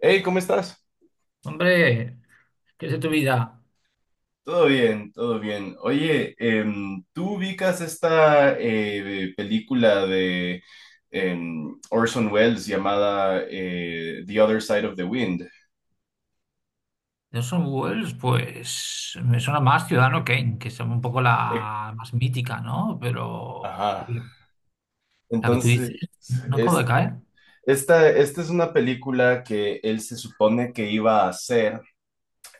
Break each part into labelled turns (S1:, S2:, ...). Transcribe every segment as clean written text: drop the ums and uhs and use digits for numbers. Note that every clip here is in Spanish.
S1: Hey, ¿cómo estás?
S2: Hombre, ¿qué es de tu vida?
S1: Todo bien, todo bien. Oye, ¿tú ubicas esta película de Orson Welles llamada The Other Side of the Wind?
S2: Orson Welles, pues me suena más Ciudadano Kane, que es un poco
S1: Eh,
S2: la más mítica, ¿no? Pero
S1: Ajá.
S2: la que tú
S1: entonces,
S2: dices, no acabo de
S1: es,
S2: caer.
S1: esta es una película que él se supone que iba a hacer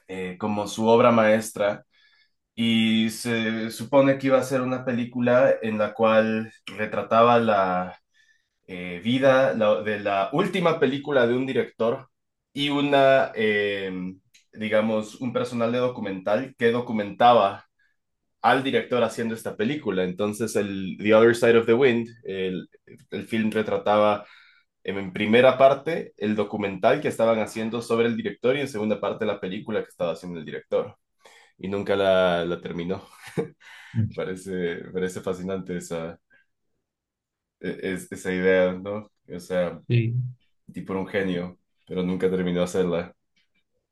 S1: como su obra maestra, y se supone que iba a ser una película en la cual retrataba vida de la última película de un director y una, digamos, un personal de documental que documentaba al director haciendo esta película. Entonces, el The Other Side of the Wind, el film retrataba en primera parte el documental que estaban haciendo sobre el director y en segunda parte la película que estaba haciendo el director. Y nunca la terminó. Me Parece, me parece fascinante esa, esa idea, ¿no? O sea,
S2: Sí.
S1: el tipo era un genio, pero nunca terminó de hacerla.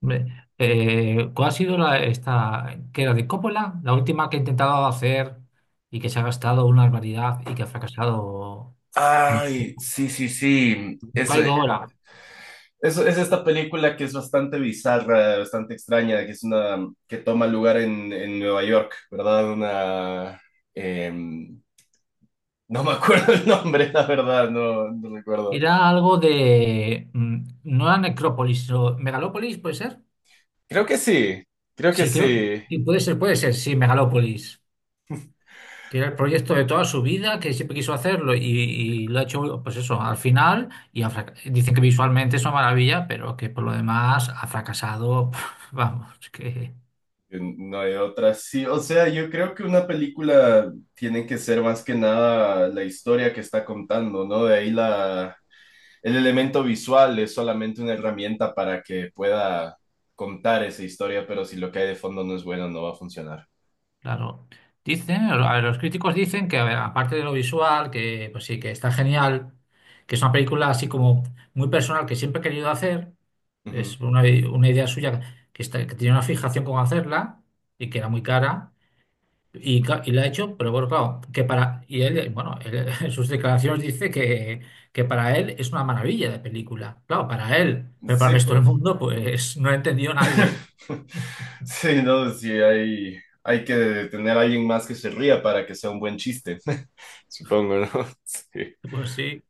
S2: Hombre, ¿cuál ha sido la, esta, que era de Coppola, la última que he intentado hacer y que se ha gastado una barbaridad y que ha fracasado mucho?
S1: Ay, sí, sí, sí.
S2: No caigo ahora.
S1: Eso es esta película que es bastante bizarra, bastante extraña, que es una que toma lugar en Nueva York, ¿verdad? Una em, no me acuerdo el nombre, la verdad, no, no recuerdo.
S2: Era algo de, no era Necrópolis, sino Megalópolis, ¿puede ser?
S1: Creo que sí, creo que
S2: Sí, creo,
S1: sí.
S2: sí, puede ser, sí, Megalópolis, que era el proyecto de toda su vida, que siempre quiso hacerlo y lo ha hecho, pues eso, al final, y ha fraca- dicen que visualmente es una maravilla, pero que por lo demás ha fracasado, vamos, que,
S1: No hay otra, sí. O sea, yo creo que una película tiene que ser más que nada la historia que está contando, ¿no? De ahí la, el elemento visual es solamente una herramienta para que pueda contar esa historia, pero si lo que hay de fondo no es bueno, no va a funcionar.
S2: claro, dicen, a ver, los críticos dicen que, a ver, aparte de lo visual, que pues sí, que está genial, que es una película así como muy personal que siempre ha querido hacer,
S1: Ujú.
S2: es una idea suya que, está, que tenía una fijación con hacerla y que era muy cara. Y, cla- y la ha hecho, pero bueno, claro, que para. Y él, bueno, él, en sus declaraciones dice que para él es una maravilla de película. Claro, para él, pero para el
S1: Sí,
S2: resto del
S1: pues.
S2: mundo, pues no ha entendido nadie.
S1: Sí, no, sí, hay que tener a alguien más que se ría para que sea un buen chiste, supongo, ¿no? Sí.
S2: Pues sí.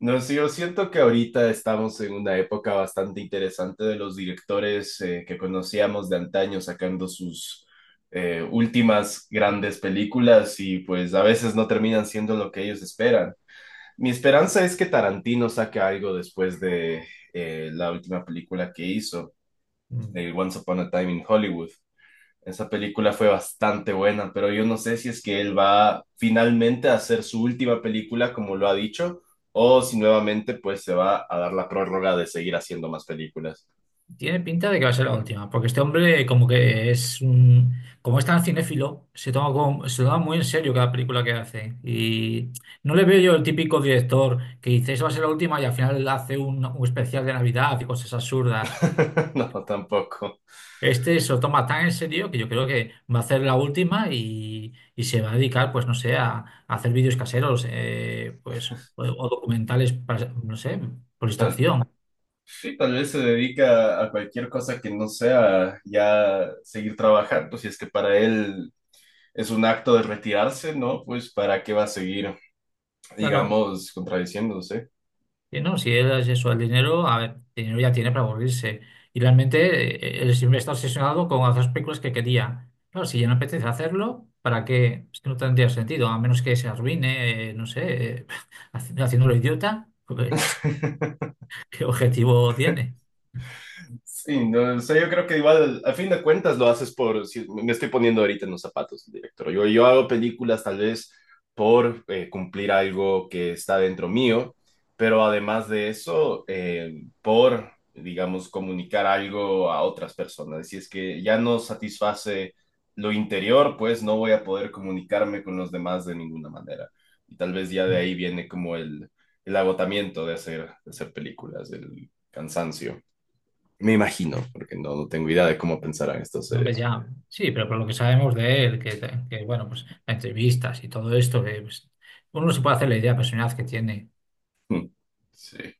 S1: No sé, yo siento que ahorita estamos en una época bastante interesante de los directores que conocíamos de antaño sacando sus últimas grandes películas, y pues a veces no terminan siendo lo que ellos esperan. Mi esperanza es que Tarantino saque algo después de la última película que hizo,
S2: mm,
S1: el Once Upon a Time in Hollywood. Esa película fue bastante buena, pero yo no sé si es que él va finalmente a hacer su última película, como lo ha dicho, o si nuevamente pues se va a dar la prórroga de seguir haciendo más películas.
S2: tiene pinta de que va a ser la última, porque este hombre, como que es un. Como es tan cinéfilo, se toma, como- se toma muy en serio cada película que hace. Y no le veo yo el típico director que dice, esa va a ser la última, y al final hace un especial de Navidad y cosas absurdas.
S1: No, tampoco.
S2: Este se lo toma tan en serio que yo creo que va a hacer la última y se va a dedicar, pues no sé, a hacer vídeos caseros, pues, o documentales para, no sé, por distracción.
S1: Sí, tal vez se dedica a cualquier cosa que no sea ya seguir trabajando, si es que para él es un acto de retirarse, ¿no? Pues para qué va a seguir,
S2: Claro,
S1: digamos, contradiciéndose.
S2: y no, si él es eso, el dinero, a ver, el dinero ya tiene para aburrirse. Y realmente él siempre está obsesionado con hacer las películas que quería. Claro, si ya no apetece hacerlo, ¿para qué? Es que no tendría sentido, a menos que se arruine, no sé, haciéndolo idiota, pues, ¿qué objetivo tiene?
S1: Sí, no, o sea, yo creo que igual, a fin de cuentas, lo haces por, si me estoy poniendo ahorita en los zapatos del director. Yo hago películas tal vez por cumplir algo que está dentro mío, pero además de eso, por, digamos, comunicar algo a otras personas. Si es que ya no satisface lo interior, pues no voy a poder comunicarme con los demás de ninguna manera. Y tal vez ya de ahí viene como el agotamiento de hacer películas, el cansancio. Me imagino, porque no, no tengo idea de cómo pensarán estos
S2: No, hombre,
S1: seres.
S2: ya, sí, pero por lo que sabemos de él, que, bueno, pues entrevistas y todo esto, que pues, uno se puede hacer la idea de la personalidad que tiene.
S1: Mm. Sí.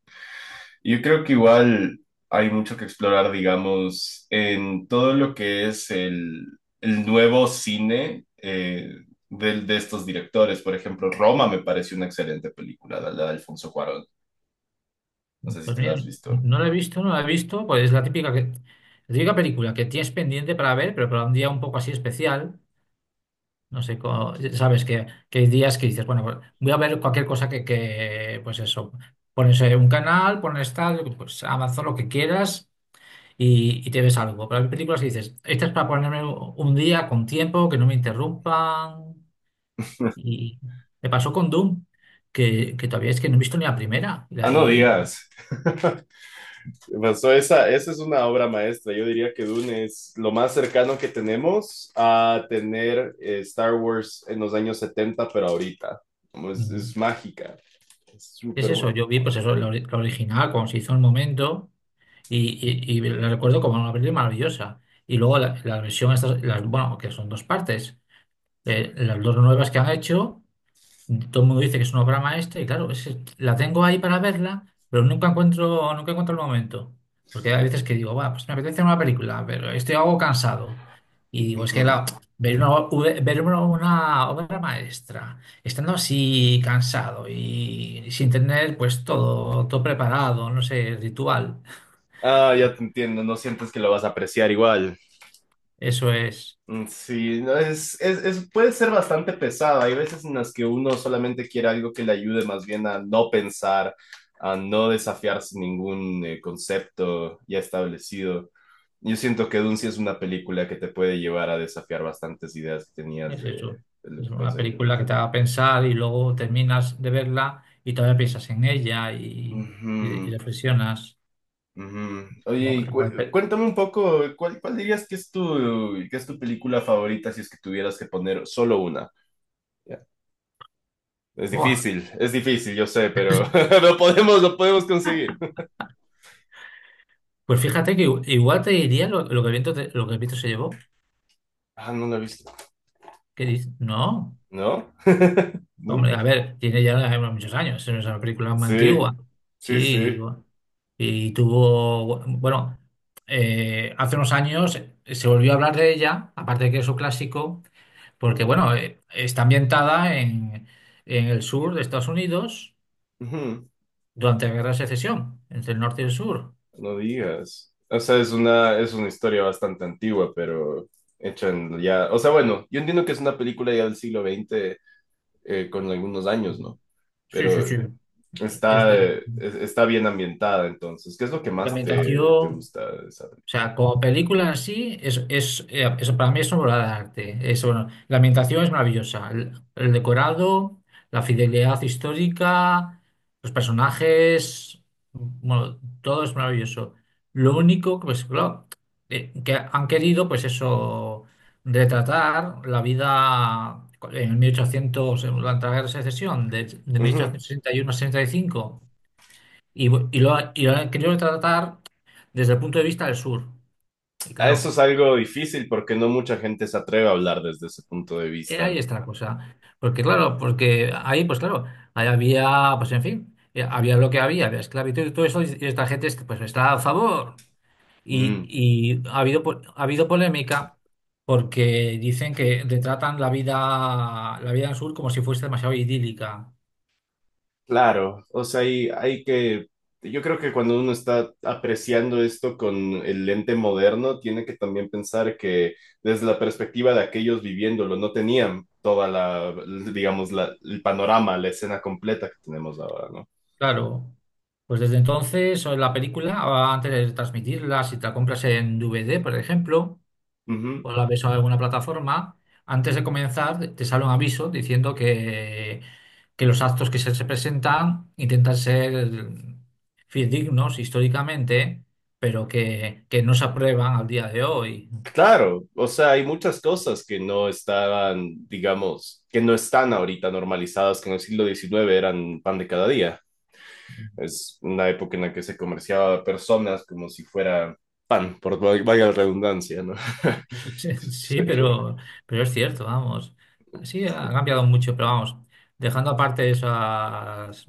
S1: Yo creo que igual hay mucho que explorar, digamos, en todo lo que es el nuevo cine de estos directores. Por ejemplo, Roma me pareció una excelente película, la de Alfonso Cuarón. No sé si
S2: Pues
S1: te la
S2: mira,
S1: has visto.
S2: no la he visto, no la he visto, pues es la típica, que, la típica película que tienes pendiente para ver, pero para un día un poco así especial, no sé, co- sabes que hay días que dices, bueno, pues, voy a ver cualquier cosa que, pues eso, pones un canal, pones tal, pues Amazon lo que quieras. Y te ves algo. Pero hay películas que dices, esta es para ponerme un día con tiempo, que no me interrumpan. Y me pasó con Doom, que todavía es que no he visto ni la primera.
S1: Ah, no digas. Pasó esa, esa es una obra maestra. Yo diría que Dune es lo más cercano que tenemos a tener Star Wars en los años 70, pero ahorita. Como Es,
S2: Mm,
S1: es mágica, es
S2: es
S1: súper
S2: eso,
S1: bueno.
S2: yo vi pues eso, la, ori- la original, cuando se hizo en el momento, y, y la recuerdo como una película maravillosa. Y luego la, la versión, estas, las, bueno, que son dos partes, las dos nuevas que han hecho. Todo el mundo dice que es una obra maestra y claro, es, que la tengo ahí para verla, pero nunca encuentro, nunca encuentro el momento. Porque hay veces que digo, va, pues me apetece una película, pero estoy algo cansado. Y digo, es que la-
S1: Ujú.
S2: ver una, ue- ver una obra maestra, estando así cansado y sin tener pues todo, todo preparado, no sé, ritual,
S1: Ah,
S2: pues
S1: ya te entiendo, no sientes que lo vas a apreciar igual.
S2: eso es.
S1: Mm, sí, no, es, puede ser bastante pesado. Hay veces en las que uno solamente quiere algo que le ayude más bien a no pensar, a no desafiarse ningún concepto ya establecido. Yo siento que Dune sí es una película que te puede llevar a desafiar bastantes ideas que tenías
S2: Es eso.
S1: de lo
S2: Es
S1: que
S2: una
S1: concebías
S2: película que
S1: antes.
S2: te haga pensar y luego terminas de verla y todavía piensas en ella y
S1: Ujú,
S2: reflexionas.
S1: ujú. Oye,
S2: No,
S1: y
S2: no hay pe-
S1: cuéntame un poco, ¿cuál, cuál dirías que es tu película favorita si es que tuvieras que poner solo una?
S2: Buah.
S1: Es difícil, yo sé, pero lo podemos conseguir.
S2: Pues fíjate que igu- igual te diría lo que el viento te- lo que el viento se llevó.
S1: Ah, no lo he visto.
S2: ¿Qué dices? No.
S1: ¿No?
S2: Hombre,
S1: Nunca.
S2: a ver, tiene ya muchos años. Es una película más
S1: Sí,
S2: antigua. Sí,
S1: sí,
S2: y,
S1: sí.
S2: bu- y tuvo. Bueno, hace unos años se volvió a hablar de ella, aparte de que es un clásico. Porque, bueno, está ambientada en el sur de Estados Unidos
S1: Ujú,
S2: durante la Guerra de Secesión, entre el norte y el sur.
S1: no digas. O sea, es una historia bastante antigua, pero hecha en ya. O sea, bueno, yo entiendo que es una película ya del siglo XX con algunos años, ¿no?
S2: Sí, sí,
S1: Pero
S2: sí. Es
S1: está,
S2: de
S1: está bien ambientada entonces. ¿Qué es lo que
S2: ah,
S1: más
S2: ambientación.
S1: te, te gusta de esa
S2: O sea, como película en sí, es, eso para mí es una obra de arte. Es, bueno, la ambientación es maravillosa. El decorado, la fidelidad histórica, los personajes, bueno, todo es maravilloso. Lo único que, pues, claro, que han querido, pues eso, retratar la vida en 1800, en la guerra de secesión, de
S1: película?
S2: 1861 a 65, y, cinco, y, bu- y lo, ha- y lo han querido retratar desde el punto de vista del sur. Y
S1: Ah, eso es
S2: claro,
S1: algo difícil porque no mucha gente se atreve a hablar desde ese punto de vista.
S2: ahí está la cosa. Porque claro, porque ahí, pues claro, ahí había, pues en fin, había lo que había, había esclavitud y todo eso, y esta gente es- pues está a favor. Y,
S1: Mm,
S2: y ha habido, po- ha habido polémica porque dicen que retratan la vida en sur como si fuese demasiado idílica.
S1: claro, o sea, hay que, yo creo que cuando uno está apreciando esto con el lente moderno, tiene que también pensar que desde la perspectiva de aquellos viviéndolo, no tenían toda la, digamos, la, el panorama, la escena completa que tenemos ahora, ¿no?
S2: Claro, pues desde entonces, o en la película, antes de transmitirla, si te la compras en DVD, por ejemplo,
S1: Ujú.
S2: o la ves en alguna plataforma, antes de comenzar te sale un aviso diciendo que los actos que se presentan intentan ser fidedignos históricamente, pero que no se aprueban al día de hoy.
S1: Claro, o sea, hay muchas cosas que no estaban, digamos, que no están ahorita normalizadas, que en el siglo XIX eran pan de cada día. Es una época en la que se comerciaba a personas como si fuera pan, por valga la redundancia, ¿no?
S2: Sí, sí,
S1: Sí,
S2: pero es cierto, vamos. Sí, ha cambiado mucho, pero vamos, dejando aparte esas,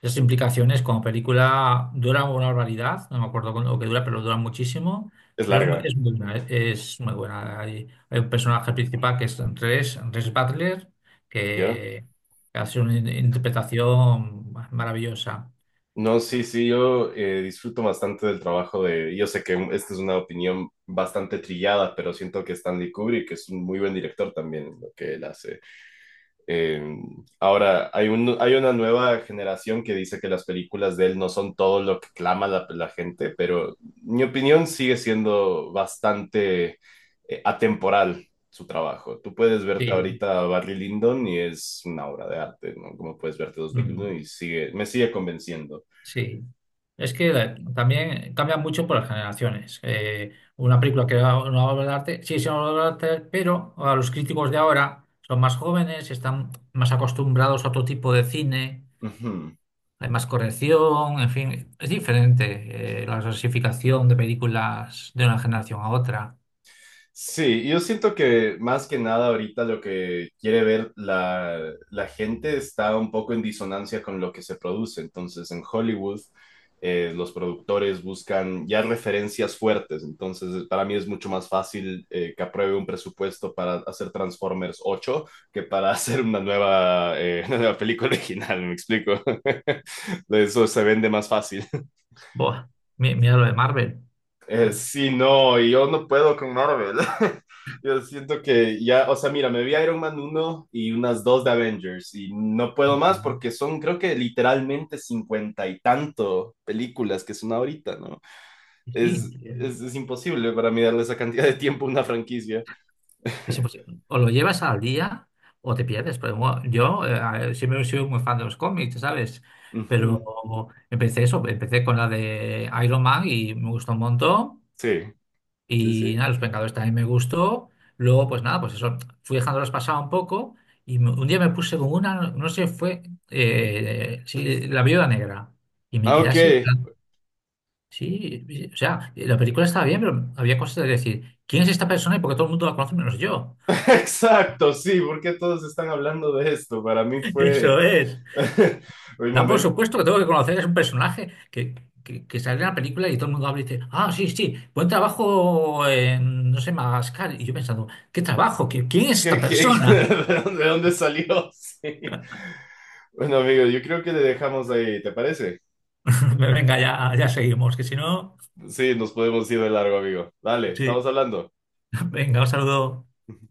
S2: esas implicaciones, como película dura una barbaridad, no me acuerdo con lo que dura, pero dura muchísimo,
S1: es
S2: pero
S1: larga,
S2: es muy buena, es muy buena. Hay un personaje principal que es Res, Res Butler,
S1: ¿ya?
S2: que hace una in- interpretación maravillosa.
S1: No, sí, sí, yo disfruto bastante del trabajo de... Yo sé que esta es una opinión bastante trillada, pero siento que Stanley Kubrick es un muy buen director también en lo que él hace. Eh, ahora, hay hay una nueva generación que dice que las películas de él no son todo lo que clama la, la gente, pero mi opinión sigue siendo bastante atemporal su trabajo. Tú puedes verte
S2: Sí.
S1: ahorita a Barry Lyndon y es una obra de arte, ¿no? Como puedes verte 2001
S2: Mm.
S1: y sigue, me sigue convenciendo.
S2: Sí, es que también cambia mucho por las generaciones. Una película que era una obra de arte, sí, es una obra de arte, pero a los críticos de ahora son más jóvenes, están más acostumbrados a otro tipo de cine,
S1: Ujú.
S2: hay más corrección, en fin, es diferente la clasificación de películas de una generación a otra.
S1: Sí, yo siento que más que nada ahorita lo que quiere ver la, la gente está un poco en disonancia con lo que se produce. Entonces, en Hollywood, los productores buscan ya referencias fuertes. Entonces, para mí es mucho más fácil que apruebe un presupuesto para hacer Transformers 8 que para hacer una nueva, una nueva película original, ¿me explico? Eso se vende más fácil.
S2: Buah, mi- mira lo de Marvel. Pero-
S1: Sí, no, y yo no puedo con Marvel. Yo siento que ya, o sea, mira, me vi Iron Man uno y unas dos de Avengers y no puedo más
S2: ujú.
S1: porque son, creo que literalmente 50 y tanto películas que son ahorita, ¿no?
S2: Sí,
S1: Es imposible para mí darle esa cantidad de tiempo a una franquicia.
S2: es imposible o lo llevas al día o te pierdes. Pero bueno, yo siempre he sido muy fan de los cómics, ¿sabes? Pero
S1: Ujú.
S2: empecé eso, empecé con la de Iron Man y me gustó un montón.
S1: Sí, sí,
S2: Y
S1: sí.
S2: nada, Los Vengadores también me gustó. Luego, pues nada, pues eso, fui dejándolos pasar un poco. Y me- un día me puse con una, no no sé, fue sí, La Viuda Negra. Y me
S1: Ah,
S2: quedé
S1: ok,
S2: así. Sí, sí, o sea, la película estaba bien, pero había cosas de decir, ¿quién es esta persona y por qué todo el mundo la conoce menos yo?
S1: exacto, sí, porque todos están hablando de esto. Para mí
S2: Eso
S1: fue
S2: es.
S1: el
S2: Da por
S1: momento.
S2: supuesto que tengo que conocer, es un personaje que sale en la película y todo el mundo habla y dice, ah, sí, sí, buen trabajo en, no sé, Madagascar. Y yo pensando, ¿qué trabajo? ¿Qui- ¿Quién
S1: ¿Qué-
S2: es
S1: qué-
S2: esta
S1: qué-
S2: persona?
S1: de dónde, de dónde salió? Sí. Bueno, amigo, yo creo que le dejamos ahí, ¿te parece?
S2: Venga, ya, ya seguimos, que si no,
S1: Sí, nos podemos ir de largo, amigo. Dale, estamos
S2: sí.
S1: hablando.
S2: Venga, un saludo.